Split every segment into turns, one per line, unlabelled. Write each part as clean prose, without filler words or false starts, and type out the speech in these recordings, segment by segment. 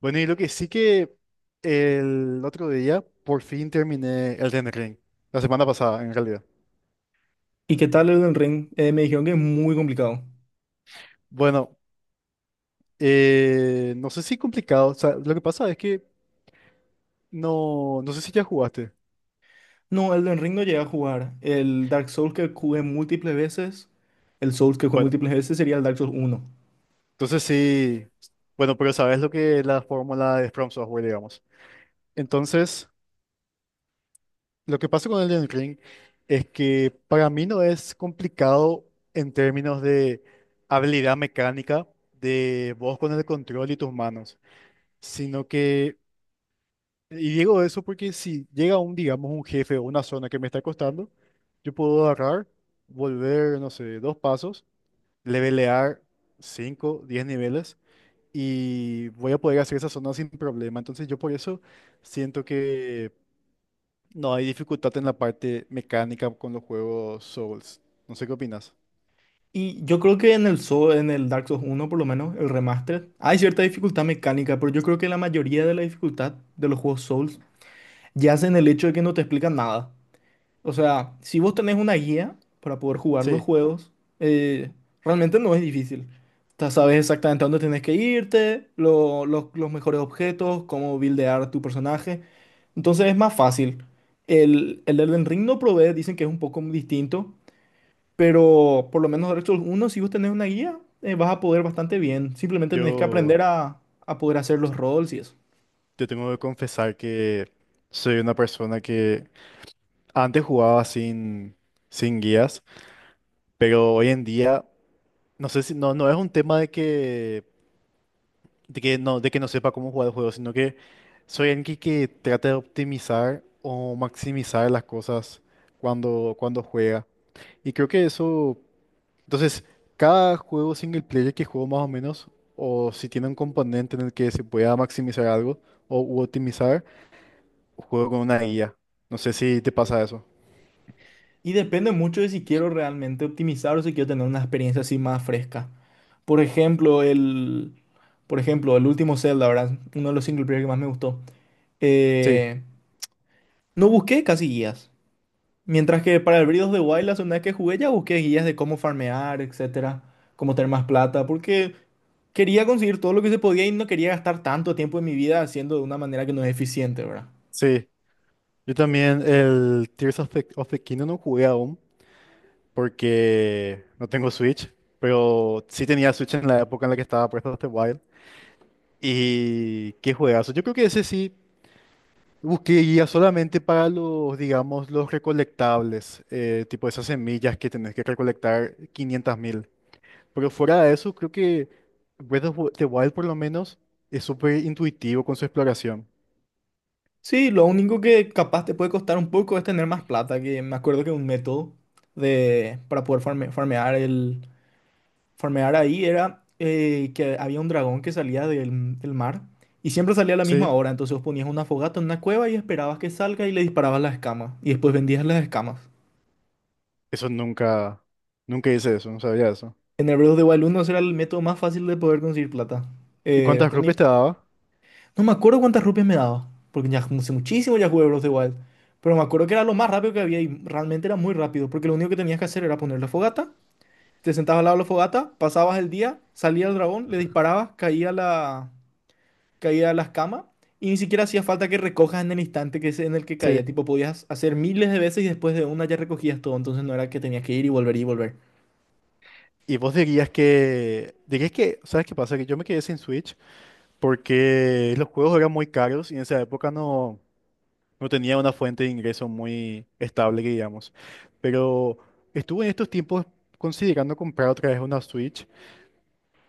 Bueno, y lo que sí que el otro día por fin terminé Elden Ring, la semana pasada en realidad.
¿Y qué tal Elden Ring? Me dijeron que es muy complicado.
Bueno, no sé si complicado, o sea, lo que pasa es que no sé si ya jugaste.
No, Elden Ring no llegué a jugar. El Dark Souls que jugué múltiples veces, el Souls que jugué
Bueno,
múltiples veces sería el Dark Souls uno.
entonces sí, bueno, pero sabes lo que es la fórmula de From Software, digamos. Entonces, lo que pasa con Elden Ring es que para mí no es complicado en términos de habilidad mecánica de vos con el control y tus manos, sino que... Y digo eso porque si llega un, digamos, un jefe o una zona que me está costando, yo puedo agarrar, volver, no sé, dos pasos, levelear 5, 10 niveles y voy a poder hacer esa zona sin problema. Entonces yo por eso siento que no hay dificultad en la parte mecánica con los juegos Souls. No sé qué opinas.
Y yo creo que en en el Dark Souls uno, por lo menos, el remaster, hay cierta dificultad mecánica, pero yo creo que la mayoría de la dificultad de los juegos Souls yace en el hecho de que no te explican nada. O sea, si vos tenés una guía para poder jugar los
Sí,
juegos, eh, realmente no es difícil. Ya sabes exactamente a dónde tienes que irte, los mejores objetos, cómo buildear tu personaje. Entonces es más fácil. El Elden Ring no provee, dicen que es un poco distinto, pero por lo menos Dark Souls 1, si vos tenés una guía, vas a poder bastante bien. Simplemente tenés que
yo,
aprender a poder hacer los roles y eso.
yo tengo que confesar que soy una persona que antes jugaba sin guías, pero hoy en día... No sé si, no, no es un tema de de que no sepa cómo jugar el juego, sino que soy alguien que trata de optimizar o maximizar las cosas cuando juega. Y creo que eso, entonces, cada juego single player que juego más o menos, o si tiene un componente en el que se pueda maximizar algo o u optimizar, juego con una IA. No sé si te pasa eso.
Y depende mucho de si quiero realmente optimizar o si quiero tener una experiencia así más fresca. Por ejemplo, por ejemplo, el último Zelda, ¿verdad? Uno de los single player que más me gustó.
Sí,
Eh, no busqué casi guías. Mientras que para el Breath of the Wild, la segunda vez que jugué, ya busqué guías de cómo farmear, etcétera, cómo tener más plata, porque quería conseguir todo lo que se podía y no quería gastar tanto tiempo de mi vida haciendo de una manera que no es eficiente, ¿verdad?
sí. Yo también el Tears of the Kingdom no jugué aún, porque no tengo Switch, pero sí tenía Switch en la época en la que estaba Breath of the Wild. Y qué juegazo. Yo creo que ese sí busqué guía solamente para los, digamos, los recolectables, tipo esas semillas que tenés que recolectar 500.000. Pero fuera de eso, creo que Breath of the Wild por lo menos es súper intuitivo con su exploración.
Sí, lo único que capaz te puede costar un poco es tener más plata, que me acuerdo que un método de, para poder farmear, farmear ahí era que había un dragón que salía del mar y siempre salía a la misma
Sí,
hora, entonces vos ponías una fogata en una cueva y esperabas que salga y le disparabas las escamas y después vendías las escamas.
eso nunca, nunca hice eso, no sabía eso.
En el Breath of the Wild 1 ese era el método más fácil de poder conseguir plata.
¿Y
Eh,
cuántas rupias
ponía-
te daba?
No me acuerdo cuántas rupias me daba, porque ya hace muchísimo ya jugué Breath of the Wild. Pero me acuerdo que era lo más rápido que había y realmente era muy rápido, porque lo único que tenías que hacer era poner la fogata, te sentabas al lado de la fogata, pasabas el día, salía el dragón, le disparabas, caía caía la escama y ni siquiera hacía falta que recojas en el instante que es en el que caía.
Sí.
Tipo, podías hacer miles de veces y después de una ya recogías todo, entonces no era que tenías que ir y volver y volver.
Y vos dirías que, ¿sabes qué pasa? Que yo me quedé sin Switch porque los juegos eran muy caros y en esa época no tenía una fuente de ingreso muy estable, que digamos. Pero estuve en estos tiempos considerando comprar otra vez una Switch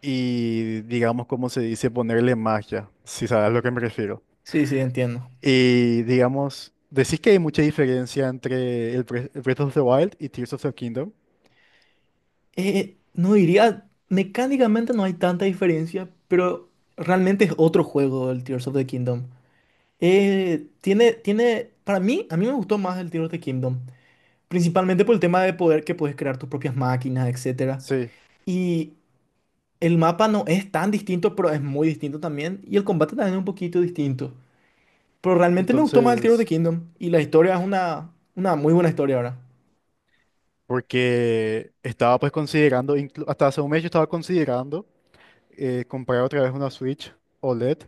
y, digamos, como se dice, ponerle magia, si sabes a lo que me refiero.
Sí, sí, entiendo.
Y, digamos, decís que hay mucha diferencia entre el Breath of the Wild y Tears of the Kingdom.
No diría, mecánicamente no hay tanta diferencia, pero realmente es otro juego el Tears of the Kingdom. Tiene para mí, a mí me gustó más el Tears of the Kingdom, principalmente por el tema de poder que puedes crear tus propias máquinas, etcétera.
Sí.
Y el mapa no es tan distinto, pero es muy distinto también, y el combate también es un poquito distinto. Pero realmente me gustó más el Tears of the
Entonces...
Kingdom, y la historia es una muy buena historia ahora.
Porque estaba pues considerando, hasta hace un mes yo estaba considerando comprar otra vez una Switch OLED,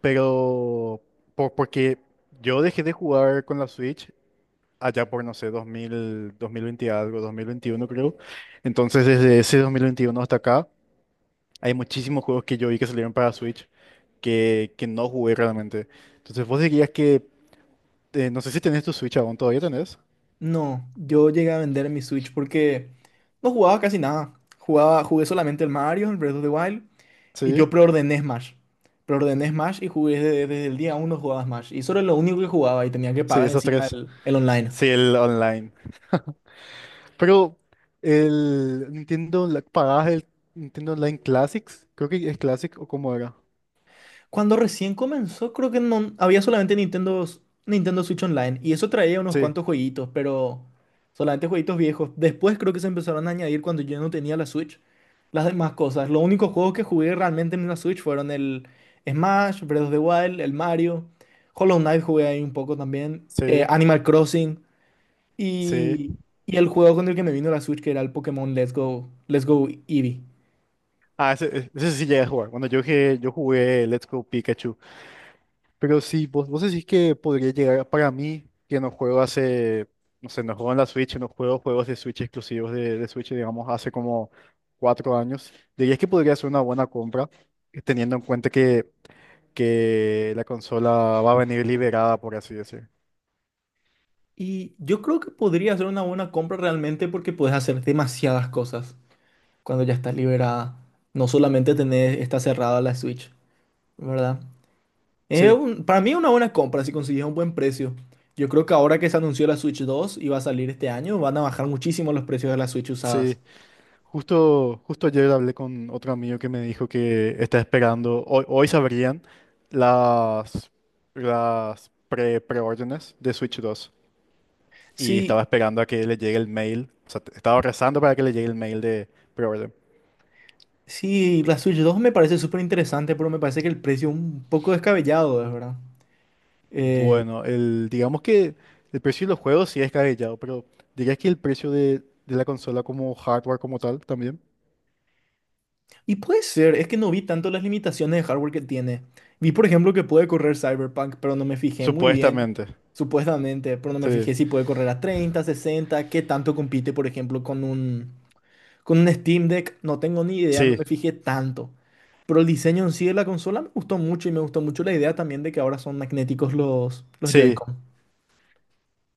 pero porque yo dejé de jugar con la Switch allá por, no sé, dos mil 2020 algo, 2021 creo. Entonces desde ese 2021 hasta acá hay muchísimos juegos que yo vi que salieron para Switch que no jugué realmente. Entonces vos dirías que, no sé si tenés tu Switch aún, ¿todavía tenés?
No, yo llegué a vender mi Switch porque no jugaba casi nada. Jugaba, jugué solamente el Mario, el Breath of the Wild, y
Sí,
yo preordené Smash. Preordené Smash y jugué desde el día uno jugaba Smash. Y solo lo único que jugaba y tenía que
sí,
pagar
esos
encima
tres.
el online.
Sí, el online. Pero el Nintendo, pagabas el Nintendo Online Classics, creo que es Classic o cómo era.
Cuando recién comenzó, creo que no había solamente Nintendo, Nintendo Switch Online y eso traía unos
Sí,
cuantos jueguitos, pero solamente jueguitos viejos. Después creo que se empezaron a añadir cuando yo no tenía la Switch las demás cosas. Los únicos juegos que jugué realmente en la Switch fueron el Smash, Breath of the Wild, el Mario, Hollow Knight jugué ahí un poco también,
sí,
Animal Crossing
sí.
y, y el juego con el que me vino la Switch que era el Pokémon Let's Go, Let's Go Eevee.
Ah, ese, ese sí llegué a jugar. Bueno, yo jugué Let's Go Pikachu. Pero sí, vos decís que podría llegar a... para mí, que no juego hace, no sé, no juego en la Switch, no juego juegos de Switch exclusivos de Switch, digamos, hace como cuatro años. Dirías que podría ser una buena compra, teniendo en cuenta que la consola va a venir liberada, por así decir.
Y yo creo que podría ser una buena compra realmente porque puedes hacer demasiadas cosas cuando ya estás liberada. No solamente tener, está cerrada la Switch, ¿verdad?
Sí.
Para mí es una buena compra si consigues un buen precio. Yo creo que ahora que se anunció la Switch 2 y va a salir este año, van a bajar muchísimo los precios de las Switch usadas.
Sí, justo, justo ayer hablé con otro amigo que me dijo que está esperando, hoy, hoy sabrían las, las pre, preórdenes de Switch dos y estaba
Sí,
esperando a que le llegue el mail, o sea, estaba rezando para que le llegue el mail de preorden.
sí, la Switch 2 me parece súper interesante, pero me parece que el precio es un poco descabellado, es verdad. Eh,
Bueno, el, digamos que el precio de los juegos sí es cabellado, pero dirías que el precio de la consola como hardware como tal también.
Y puede ser, es que no vi tanto las limitaciones de hardware que tiene. Vi, por ejemplo, que puede correr Cyberpunk, pero no me fijé muy bien,
Supuestamente,
supuestamente, pero no me
sí,
fijé si puede correr a 30, 60, qué tanto compite, por ejemplo, con un Steam Deck. No tengo ni idea, no me
sí,
fijé tanto. Pero el diseño en sí de la consola me gustó mucho y me gustó mucho la idea también de que ahora son magnéticos los
sí.
Joy-Con.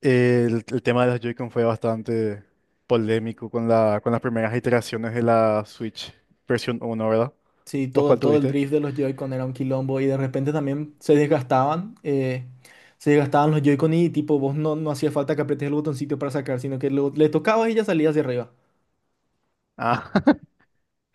El tema de las Joy-Con fue bastante polémico con la, con las primeras iteraciones de la Switch versión uno, ¿verdad?
Sí,
¿Vos cuál
todo el
tuviste?
drift de los Joy-Con era un quilombo y de repente también se desgastaban. Se desgastaban los Joy-Con y tipo, vos no, no hacía falta que apretes el botoncito para sacar, sino que le tocabas y ya salía hacia arriba.
Ah,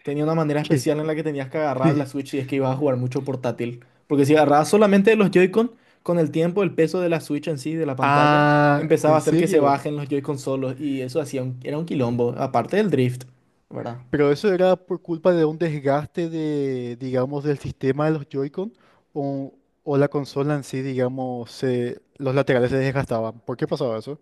Tenía una manera
¿qué?
especial en la que tenías que agarrar la
Sí.
Switch y es que ibas a jugar mucho portátil. Porque si agarrabas solamente de los Joy-Con, con el tiempo, el peso de la Switch en sí, de la pantalla,
Ah,
empezaba a
¿en
hacer que se
serio?
bajen los Joy-Con solos y eso hacía era un quilombo, aparte del drift, ¿verdad?
¿Pero eso era por culpa de un desgaste de, digamos, del sistema de los Joy-Con o, o la consola en sí, digamos, se- los laterales se desgastaban? ¿Por qué pasaba eso?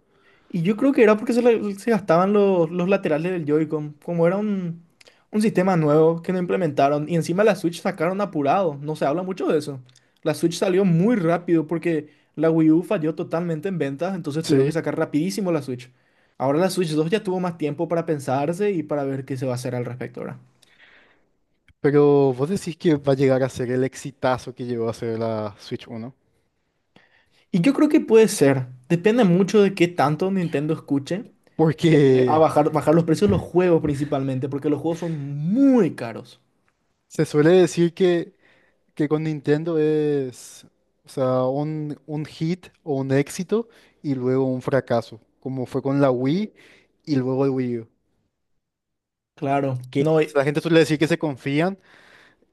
Y yo creo que era porque se gastaban los laterales del Joy-Con. Como era un sistema nuevo que no implementaron. Y encima la Switch sacaron apurado. No se habla mucho de eso. La Switch salió muy rápido porque la Wii U falló totalmente en ventas. Entonces tuvieron que
Sí,
sacar rapidísimo la Switch. Ahora la Switch 2 ya tuvo más tiempo para pensarse y para ver qué se va a hacer al respecto ahora.
pero vos decís que va a llegar a ser el exitazo que llegó a ser la Switch uno.
Y yo creo que puede ser. Depende mucho de qué tanto Nintendo escuche eh, a
Porque
bajar, bajar los precios de los juegos principalmente, porque los juegos son muy caros.
se suele decir que con Nintendo es, o sea, un hit o un éxito y luego un fracaso, como fue con la Wii y luego el Wii U.
Claro,
Que
no.
la gente suele decir que se confían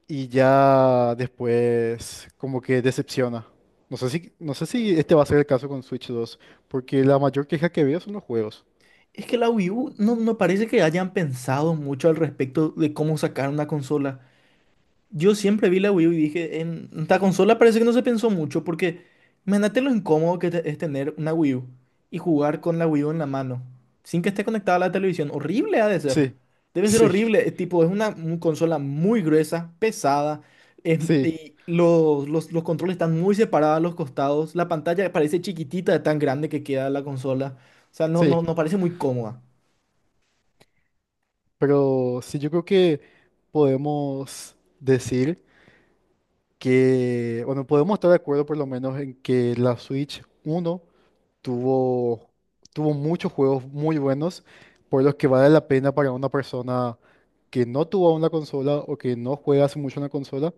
y ya después como que decepciona. No sé si, no sé si este va a ser el caso con Switch dos porque la mayor queja que veo son los juegos.
Es que la Wii U no, no parece que hayan pensado mucho al respecto de cómo sacar una consola. Yo siempre vi la Wii U y dije, en esta consola parece que no se pensó mucho porque imagínate lo incómodo que es tener una Wii U y jugar con la Wii U en la mano sin que esté conectada a la televisión. Horrible ha de ser.
Sí,
Debe ser
sí,
horrible. Es tipo, es una, un consola muy gruesa, pesada.
sí,
Y los controles están muy separados a los costados. La pantalla parece chiquitita de tan grande que queda la consola. O sea, no,
sí.
no, no parece muy cómoda.
Pero sí, yo creo que podemos decir que, bueno, podemos estar de acuerdo por lo menos en que la Switch uno tuvo, tuvo muchos juegos muy buenos, por los que vale la pena para una persona que no tuvo una consola o que no juega hace mucho una consola,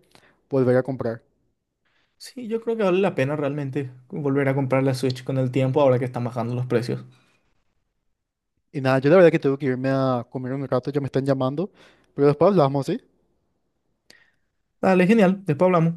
volver a comprar.
Sí, yo creo que vale la pena realmente volver a comprar la Switch con el tiempo ahora que están bajando los precios.
Y nada, yo la verdad que tengo que irme a comer un rato, ya me están llamando, pero después hablamos, ¿sí?
Dale, genial, después hablamos.